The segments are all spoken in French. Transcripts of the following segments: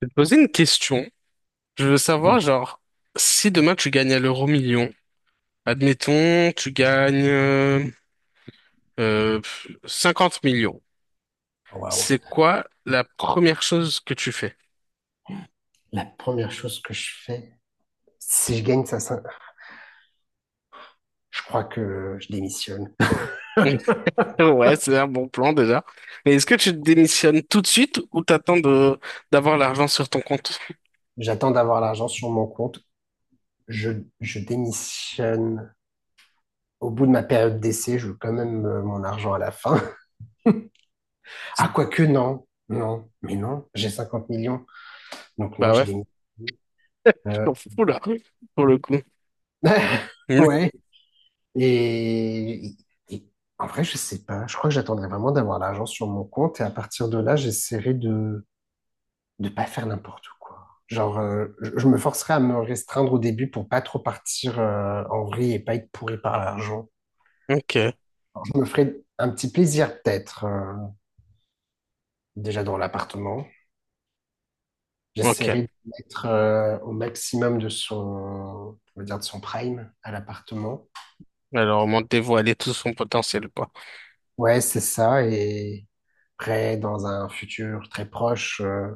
Je vais te poser une question. Je veux savoir, genre, si demain tu gagnes à l'euro million, admettons, tu gagnes 50 millions, Oh, Waouh. c'est quoi la première chose que tu fais? La première chose que je fais, si je gagne ça, je crois que je démissionne. Ouais, c'est un bon plan déjà. Mais est-ce que tu démissionnes tout de suite ou t'attends de d'avoir l'argent sur ton compte? J'attends d'avoir l'argent sur mon compte. Je, je démissionne au bout de ma période d'essai. Je veux quand même mon argent à la fin. Ah, quoique, non. Non, mais non, j'ai 50 millions. Donc, non, Bah je ouais, démissionne. je Euh, t'en fous là, pour le coup. Ouais. Et, et et en vrai, je sais pas. Je crois que j'attendrai vraiment d'avoir l'argent sur mon compte. Et à partir de là, j'essaierai de pas faire n'importe quoi. Genre, je me forcerai à me restreindre au début pour pas trop partir en vrille et pas être pourri par l'argent. Ok, Alors, je me ferai un petit plaisir peut-être déjà dans l'appartement. ok. J'essaierai de mettre au maximum de son, on va dire de son prime à l'appartement. Alors, on m'a dévoilé tout son potentiel, quoi. Ouais, c'est ça. Et après, dans un futur très proche,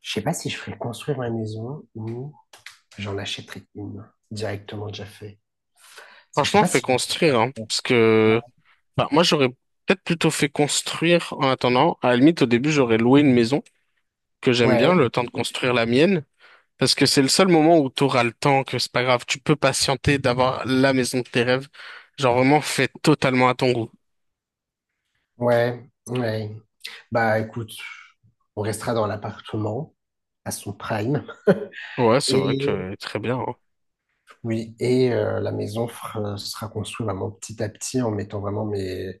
je sais pas si je ferai construire ma maison ou j'en achèterai une directement déjà fait. Parce que je sais Franchement, pas fait si... construire, hein, parce que bah, moi j'aurais peut-être plutôt fait construire en attendant. À la limite, au début, j'aurais loué une maison que j'aime bien, Ouais. le temps de construire la mienne, parce que c'est le seul moment où tu auras le temps, que c'est pas grave, tu peux patienter d'avoir la maison de tes rêves. Genre vraiment fait totalement à ton goût. Ouais, ouais. Bah écoute, on restera dans l'appartement à son prime. Ouais, c'est vrai Et que très bien, hein. oui, et la maison sera construite vraiment petit à petit en mettant vraiment mes...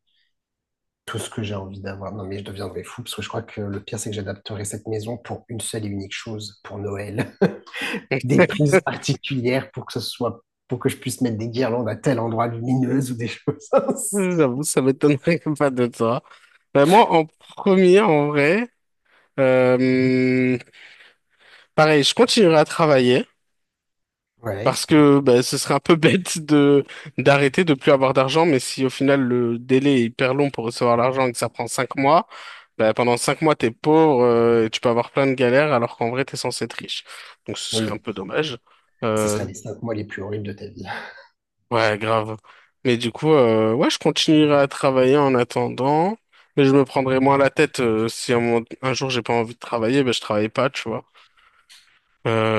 tout ce que j'ai envie d'avoir. Non mais je deviendrai fou parce que je crois que le pire c'est que j'adapterai cette maison pour une seule et unique chose, pour Noël. Des prises particulières pour que ce soit, pour que je puisse mettre des guirlandes à tel endroit lumineuse ou des choses ainsi. J'avoue, ça m'étonnerait pas de toi. Bah, moi, en premier, en vrai, euh, pareil, je continuerai à travailler parce Ouais, que bah, ce serait un peu bête de d'arrêter, de plus avoir d'argent. Mais si au final le délai est hyper long pour recevoir l'argent et que ça prend 5 mois, bah, pendant 5 mois t'es pauvre et tu peux avoir plein de galères alors qu'en vrai t'es censé être riche. Donc ce serait un oui, peu dommage. ce sera Euh, les cinq mois les plus horribles de ta vie. Ouais, grave. Mais du coup, ouais, je continuerai à travailler en attendant, mais je me prendrai moins la tête si un jour j'ai pas envie de travailler, ben je travaille pas, tu vois.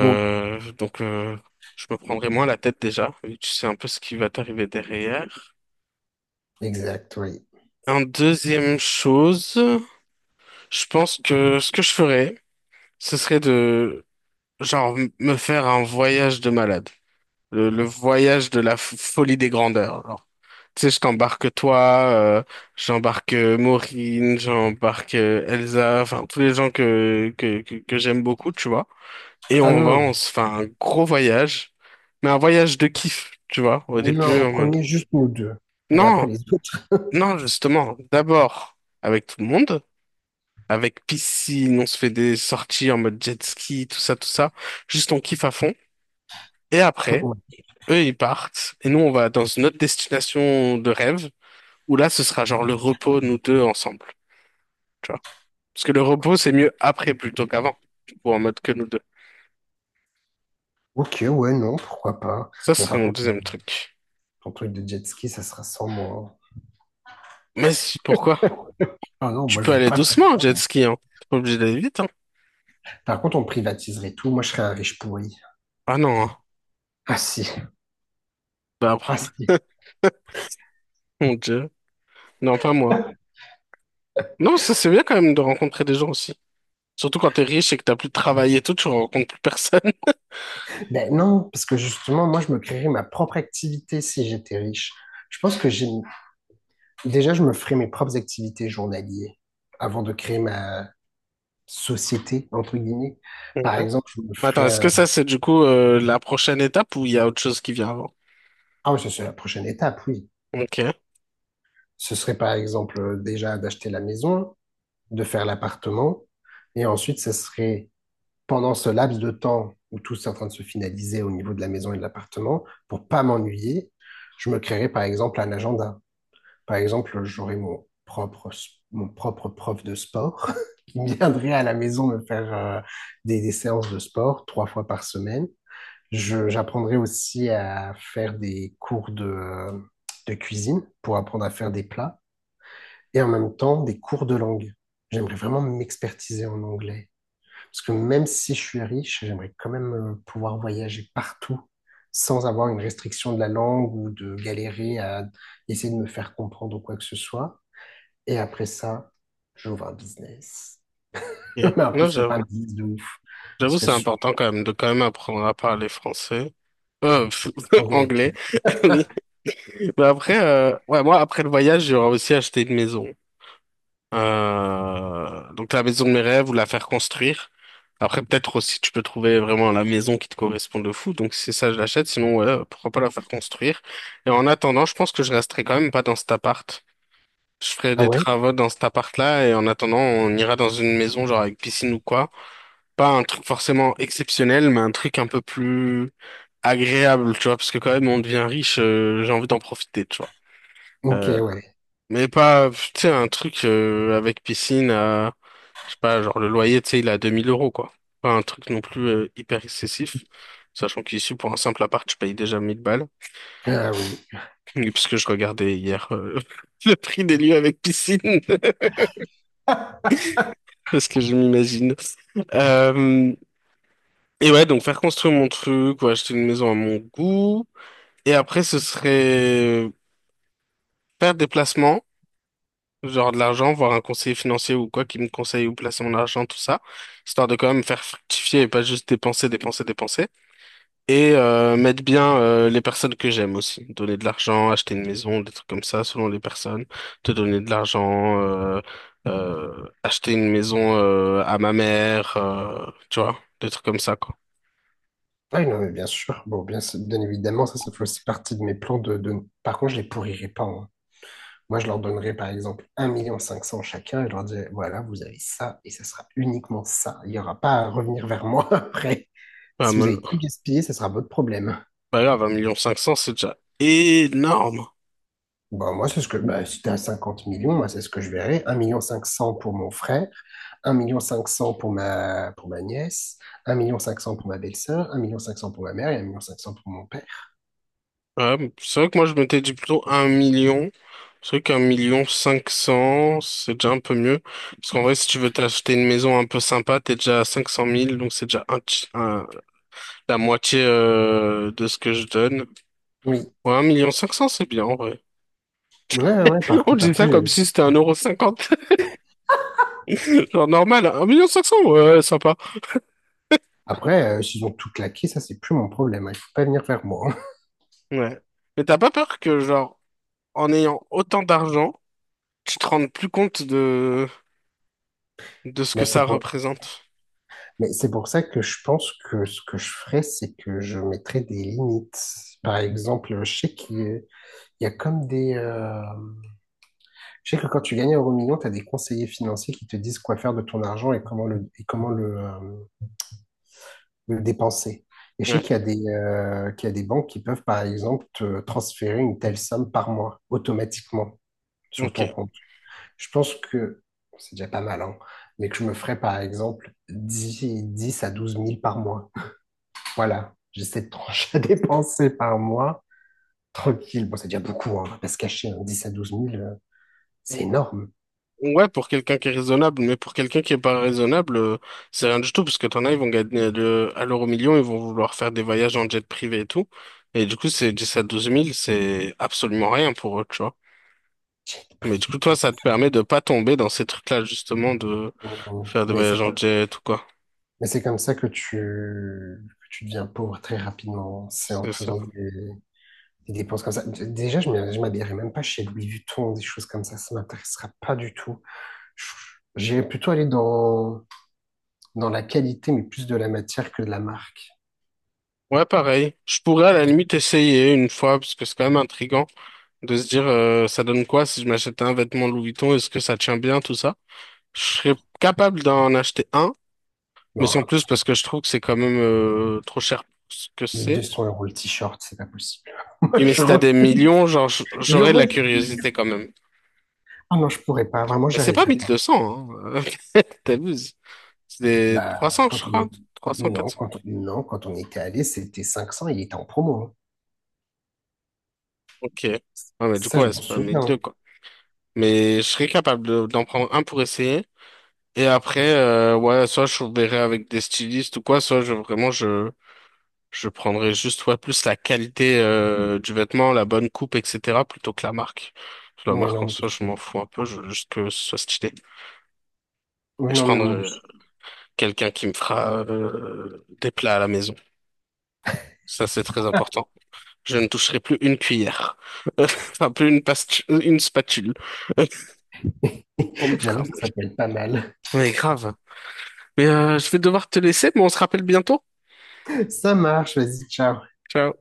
Donc, donc, euh, je me prendrai moins la tête déjà, vu que tu sais un peu ce qui va t'arriver derrière. exact, oui. En deuxième chose, je pense que ce que je ferais, ce serait de, genre, me faire un voyage de malade. Le voyage de la folie des grandeurs. Tu sais, je t'embarque toi, j'embarque Maureen, j'embarque Elsa, enfin tous les gens que j'aime beaucoup, tu vois. Et Ah on va, non, on se fait un gros voyage, mais un voyage de kiff, tu vois, au non, début en en mode. premier, juste nous deux. Et après Non, les autres. non, justement, d'abord avec tout le monde, avec piscine, on se fait des sorties en mode jet ski, tout ça, tout ça. Juste on kiffe à fond. Et après, Ouais. eux, ils partent, et nous, on va dans une autre destination de rêve, où là, ce sera genre le repos, nous deux, ensemble, tu vois. Parce que le repos, c'est mieux après plutôt qu'avant, du coup, en mode que nous deux. Ok, ouais, non, pourquoi pas. Ça ce Bon, serait par mon contre, deuxième truc. ton truc de jet ski, ça sera sans moi. Pourquoi? Ah non, Tu moi, peux je veux aller pas faire doucement en ça, jet moi. ski, hein. T'es pas obligé d'aller vite, hein. Par contre, on privatiserait tout. Moi, je serais un riche pourri. Ah non, hein. Ah si, Bah, ah si. mon Dieu. Non, pas moi. Non, ça c'est bien quand même de rencontrer des gens aussi. Surtout quand t'es riche et que t'as plus de travail et tout, tu rencontres plus personne. Ben non, parce que justement, moi, je me créerais ma propre activité si j'étais riche. Je pense que j'ai... Déjà, je me ferais mes propres activités journalières avant de créer ma société, entre guillemets. Ok. Par exemple, je me Attends, ferais est-ce que un... ça, c'est du coup la prochaine étape ou il y a autre chose qui vient avant? Ah oui, ça, c'est la prochaine étape, oui. Ok. Ce serait par exemple déjà d'acheter la maison, de faire l'appartement, et ensuite ce serait pendant ce laps de temps où tout est en train de se finaliser au niveau de la maison et de l'appartement, pour pas m'ennuyer, je me créerais par exemple un agenda. Par exemple, j'aurais mon propre prof de sport qui viendrait à la maison me faire des séances de sport trois fois par semaine. J'apprendrai aussi à faire des cours de cuisine pour apprendre à faire des plats et en même temps des cours de langue. J'aimerais vraiment m'expertiser en anglais. Parce que même si je suis riche, j'aimerais quand même pouvoir voyager partout sans avoir une restriction de la langue ou de galérer à essayer de me faire comprendre ou quoi que ce soit. Et après ça, j'ouvre un business. Ok. Mais après, Non, ce serait pas un j'avoue. business de ouf. Ce J'avoue, serait c'est important quand même de quand même apprendre à parler français. Euh, pff, anglais. anglais. Oui. Mais après, ouais, moi, après le voyage, j'aurais aussi acheté une maison. Donc la maison de mes rêves ou la faire construire. Après, peut-être aussi, tu peux trouver vraiment la maison qui te correspond de fou. Donc, c'est ça, je l'achète. Sinon, ouais, pourquoi pas la faire construire. Et en attendant, je pense que je resterai quand même pas dans cet appart. Je ferai Ah des ouais? travaux dans cet appart-là. Et en attendant, on ira dans une maison, genre avec piscine ou quoi. Pas un truc forcément exceptionnel, mais un truc un peu plus agréable, tu vois. Parce que quand même, on devient riche, j'ai envie d'en profiter, tu vois. Ok, Euh, ouais. mais pas, tu sais, un truc avec piscine à, je sais pas, genre le loyer, tu sais, il est à 2000 euros, quoi. Pas un truc non plus hyper excessif, sachant qu'ici, pour un simple appart, je paye déjà 1 000 balles. Ah oui. Et parce que je regardais hier le prix des lieux avec piscine, parce que je m'imagine. Euh, et ouais, donc faire construire mon truc ou acheter une maison à mon goût. Et après, ce serait faire des placements genre de l'argent, voir un conseiller financier ou quoi qui me conseille où placer mon argent, tout ça, histoire de quand même faire fructifier et pas juste dépenser, dépenser, dépenser. Et mettre bien les personnes que j'aime aussi. Donner de l'argent, acheter une maison, des trucs comme ça, selon les personnes. Te donner de l'argent, acheter une maison à ma mère, tu vois, des trucs comme ça, quoi. Ah oui, non, mais bien sûr. Bon, bien, sûr, bien évidemment, ça fait aussi partie de mes plans. Par contre, je les pourrirai pas, hein. Moi, je leur donnerais par exemple 1 500 000 chacun et je leur dirais, voilà, vous avez ça et ce sera uniquement ça. Il n'y aura pas à revenir vers moi après. Bah, Si vous mon- avez tout gaspillé, ce sera votre problème. bah, grave, 1 500 000, c'est déjà énorme. Bah, moi, c'est ce que, bah, si t'es à 50 millions, moi, c'est ce que je verrais. 1 500 000 pour mon frère, 1 500 000 pour ma nièce, 1 500 000 pour ma belle-sœur, 1 500 000 pour ma mère et 1 500 000 pour mon père. Ouais, c'est vrai que moi je m'étais dit plutôt un million. C'est vrai qu'un million cinq cents, c'est déjà un peu mieux. Parce qu'en vrai, si tu veux t'acheter une maison un peu sympa, t'es déjà à 500 000 donc c'est déjà la moitié de ce que je donne. Oui. Ouais, un million cinq cents, c'est bien en vrai. Ouais, ouais, Et ouais, par on contre, dit ça après, comme si c'était un euro cinquante, genre normal. Un million cinq cents, ouais, sympa. après s'ils ont tout claqué, ça, c'est plus mon problème, hein. Il faut pas venir vers moi, hein. Ouais. Mais t'as pas peur que, genre, en ayant autant d'argent, tu te rendes plus compte de ce Mais que ça c'est pour, représente? Mais c'est pour ça que je pense que ce que je ferais, c'est que je mettrais des limites. Par exemple, je sais qu'il y a comme des... je sais que quand tu gagnes un euro million, tu as des conseillers financiers qui te disent quoi faire de ton argent et comment le dépenser. Et je sais Ouais. qu'il y a des banques qui peuvent, par exemple, te transférer une telle somme par mois automatiquement sur ton Ok. compte. Je pense que c'est déjà pas mal, hein, mais que je me ferais, par exemple, dix à 12 000 par mois. Voilà, j'ai cette tranche à dépenser par mois. Tranquille. Bon, c'est déjà beaucoup, hein, on va pas se cacher, hein, 10 à 12 000 c'est énorme. Ouais, pour quelqu'un qui est raisonnable, mais pour quelqu'un qui est pas raisonnable, c'est rien du tout, parce que t'en as, ils vont gagner à l'euro million, ils vont vouloir faire des voyages en jet privé et tout. Et du coup, c'est 10 à 12 000, c'est absolument rien pour eux, tu vois. Le Mais du prix coup, toi, du ça te permet de pas tomber dans ces trucs-là, justement, de kilo. faire des Mais voyages c'est en comme, jet ou quoi. mais c'est comme ça que tu deviens pauvre très rapidement. C'est en C'est ça. faisant des dépenses comme ça. Déjà, je ne m'habillerai même pas chez Louis Vuitton, des choses comme ça. Ça m'intéressera pas du tout. Je- J'irai plutôt aller dans la qualité, mais plus de la matière que de la marque. Ouais, pareil. Je pourrais à la limite essayer une fois, parce que c'est quand même intriguant de se dire, ça donne quoi si je m'achète un vêtement Louis Vuitton, est-ce que ça tient bien, tout ça? Je serais capable d'en acheter un. Mais Non, sans plus, parce impossible. que je trouve que c'est quand même trop cher pour ce que c'est. 1 200 euros le t-shirt, c'est pas possible. Et mais si t'as des millions, genre, Je, j'aurais de la re- je curiosité quand même. Ah non, je pourrais pas, vraiment, Mais j'y c'est pas arriverais pas. 1200, hein. T'abuses. C'est des Bah, 300, quand je on crois. y- 300, Non, 400. quand on était allé, c'était 500 il était en promo, hein. Ok. Ouais, mais du Ça, coup, je ouais, m'en c'est pas souviens, 1200, hein. quoi. Mais je serais capable d'en prendre un pour essayer. Et après, ouais, soit je verrai avec des stylistes ou quoi, soit je prendrais juste ouais, plus la qualité du vêtement, la bonne coupe, etc. plutôt que la marque. La Ouais, marque non, en moi soi, je m'en aussi. fous un peu, je veux juste que ce soit stylé. Ouais, Et je non, mais prendrais moi aussi. quelqu'un qui me fera des plats à la maison. Ça, c'est très important. Je ne toucherai plus une cuillère. Enfin, plus une, une spatule. On me fera J'avoue, ça manger. s'appelle pas mal. Mais grave. Mais je vais devoir te laisser, mais on se rappelle bientôt. Ça marche, vas-y, ciao. Ciao.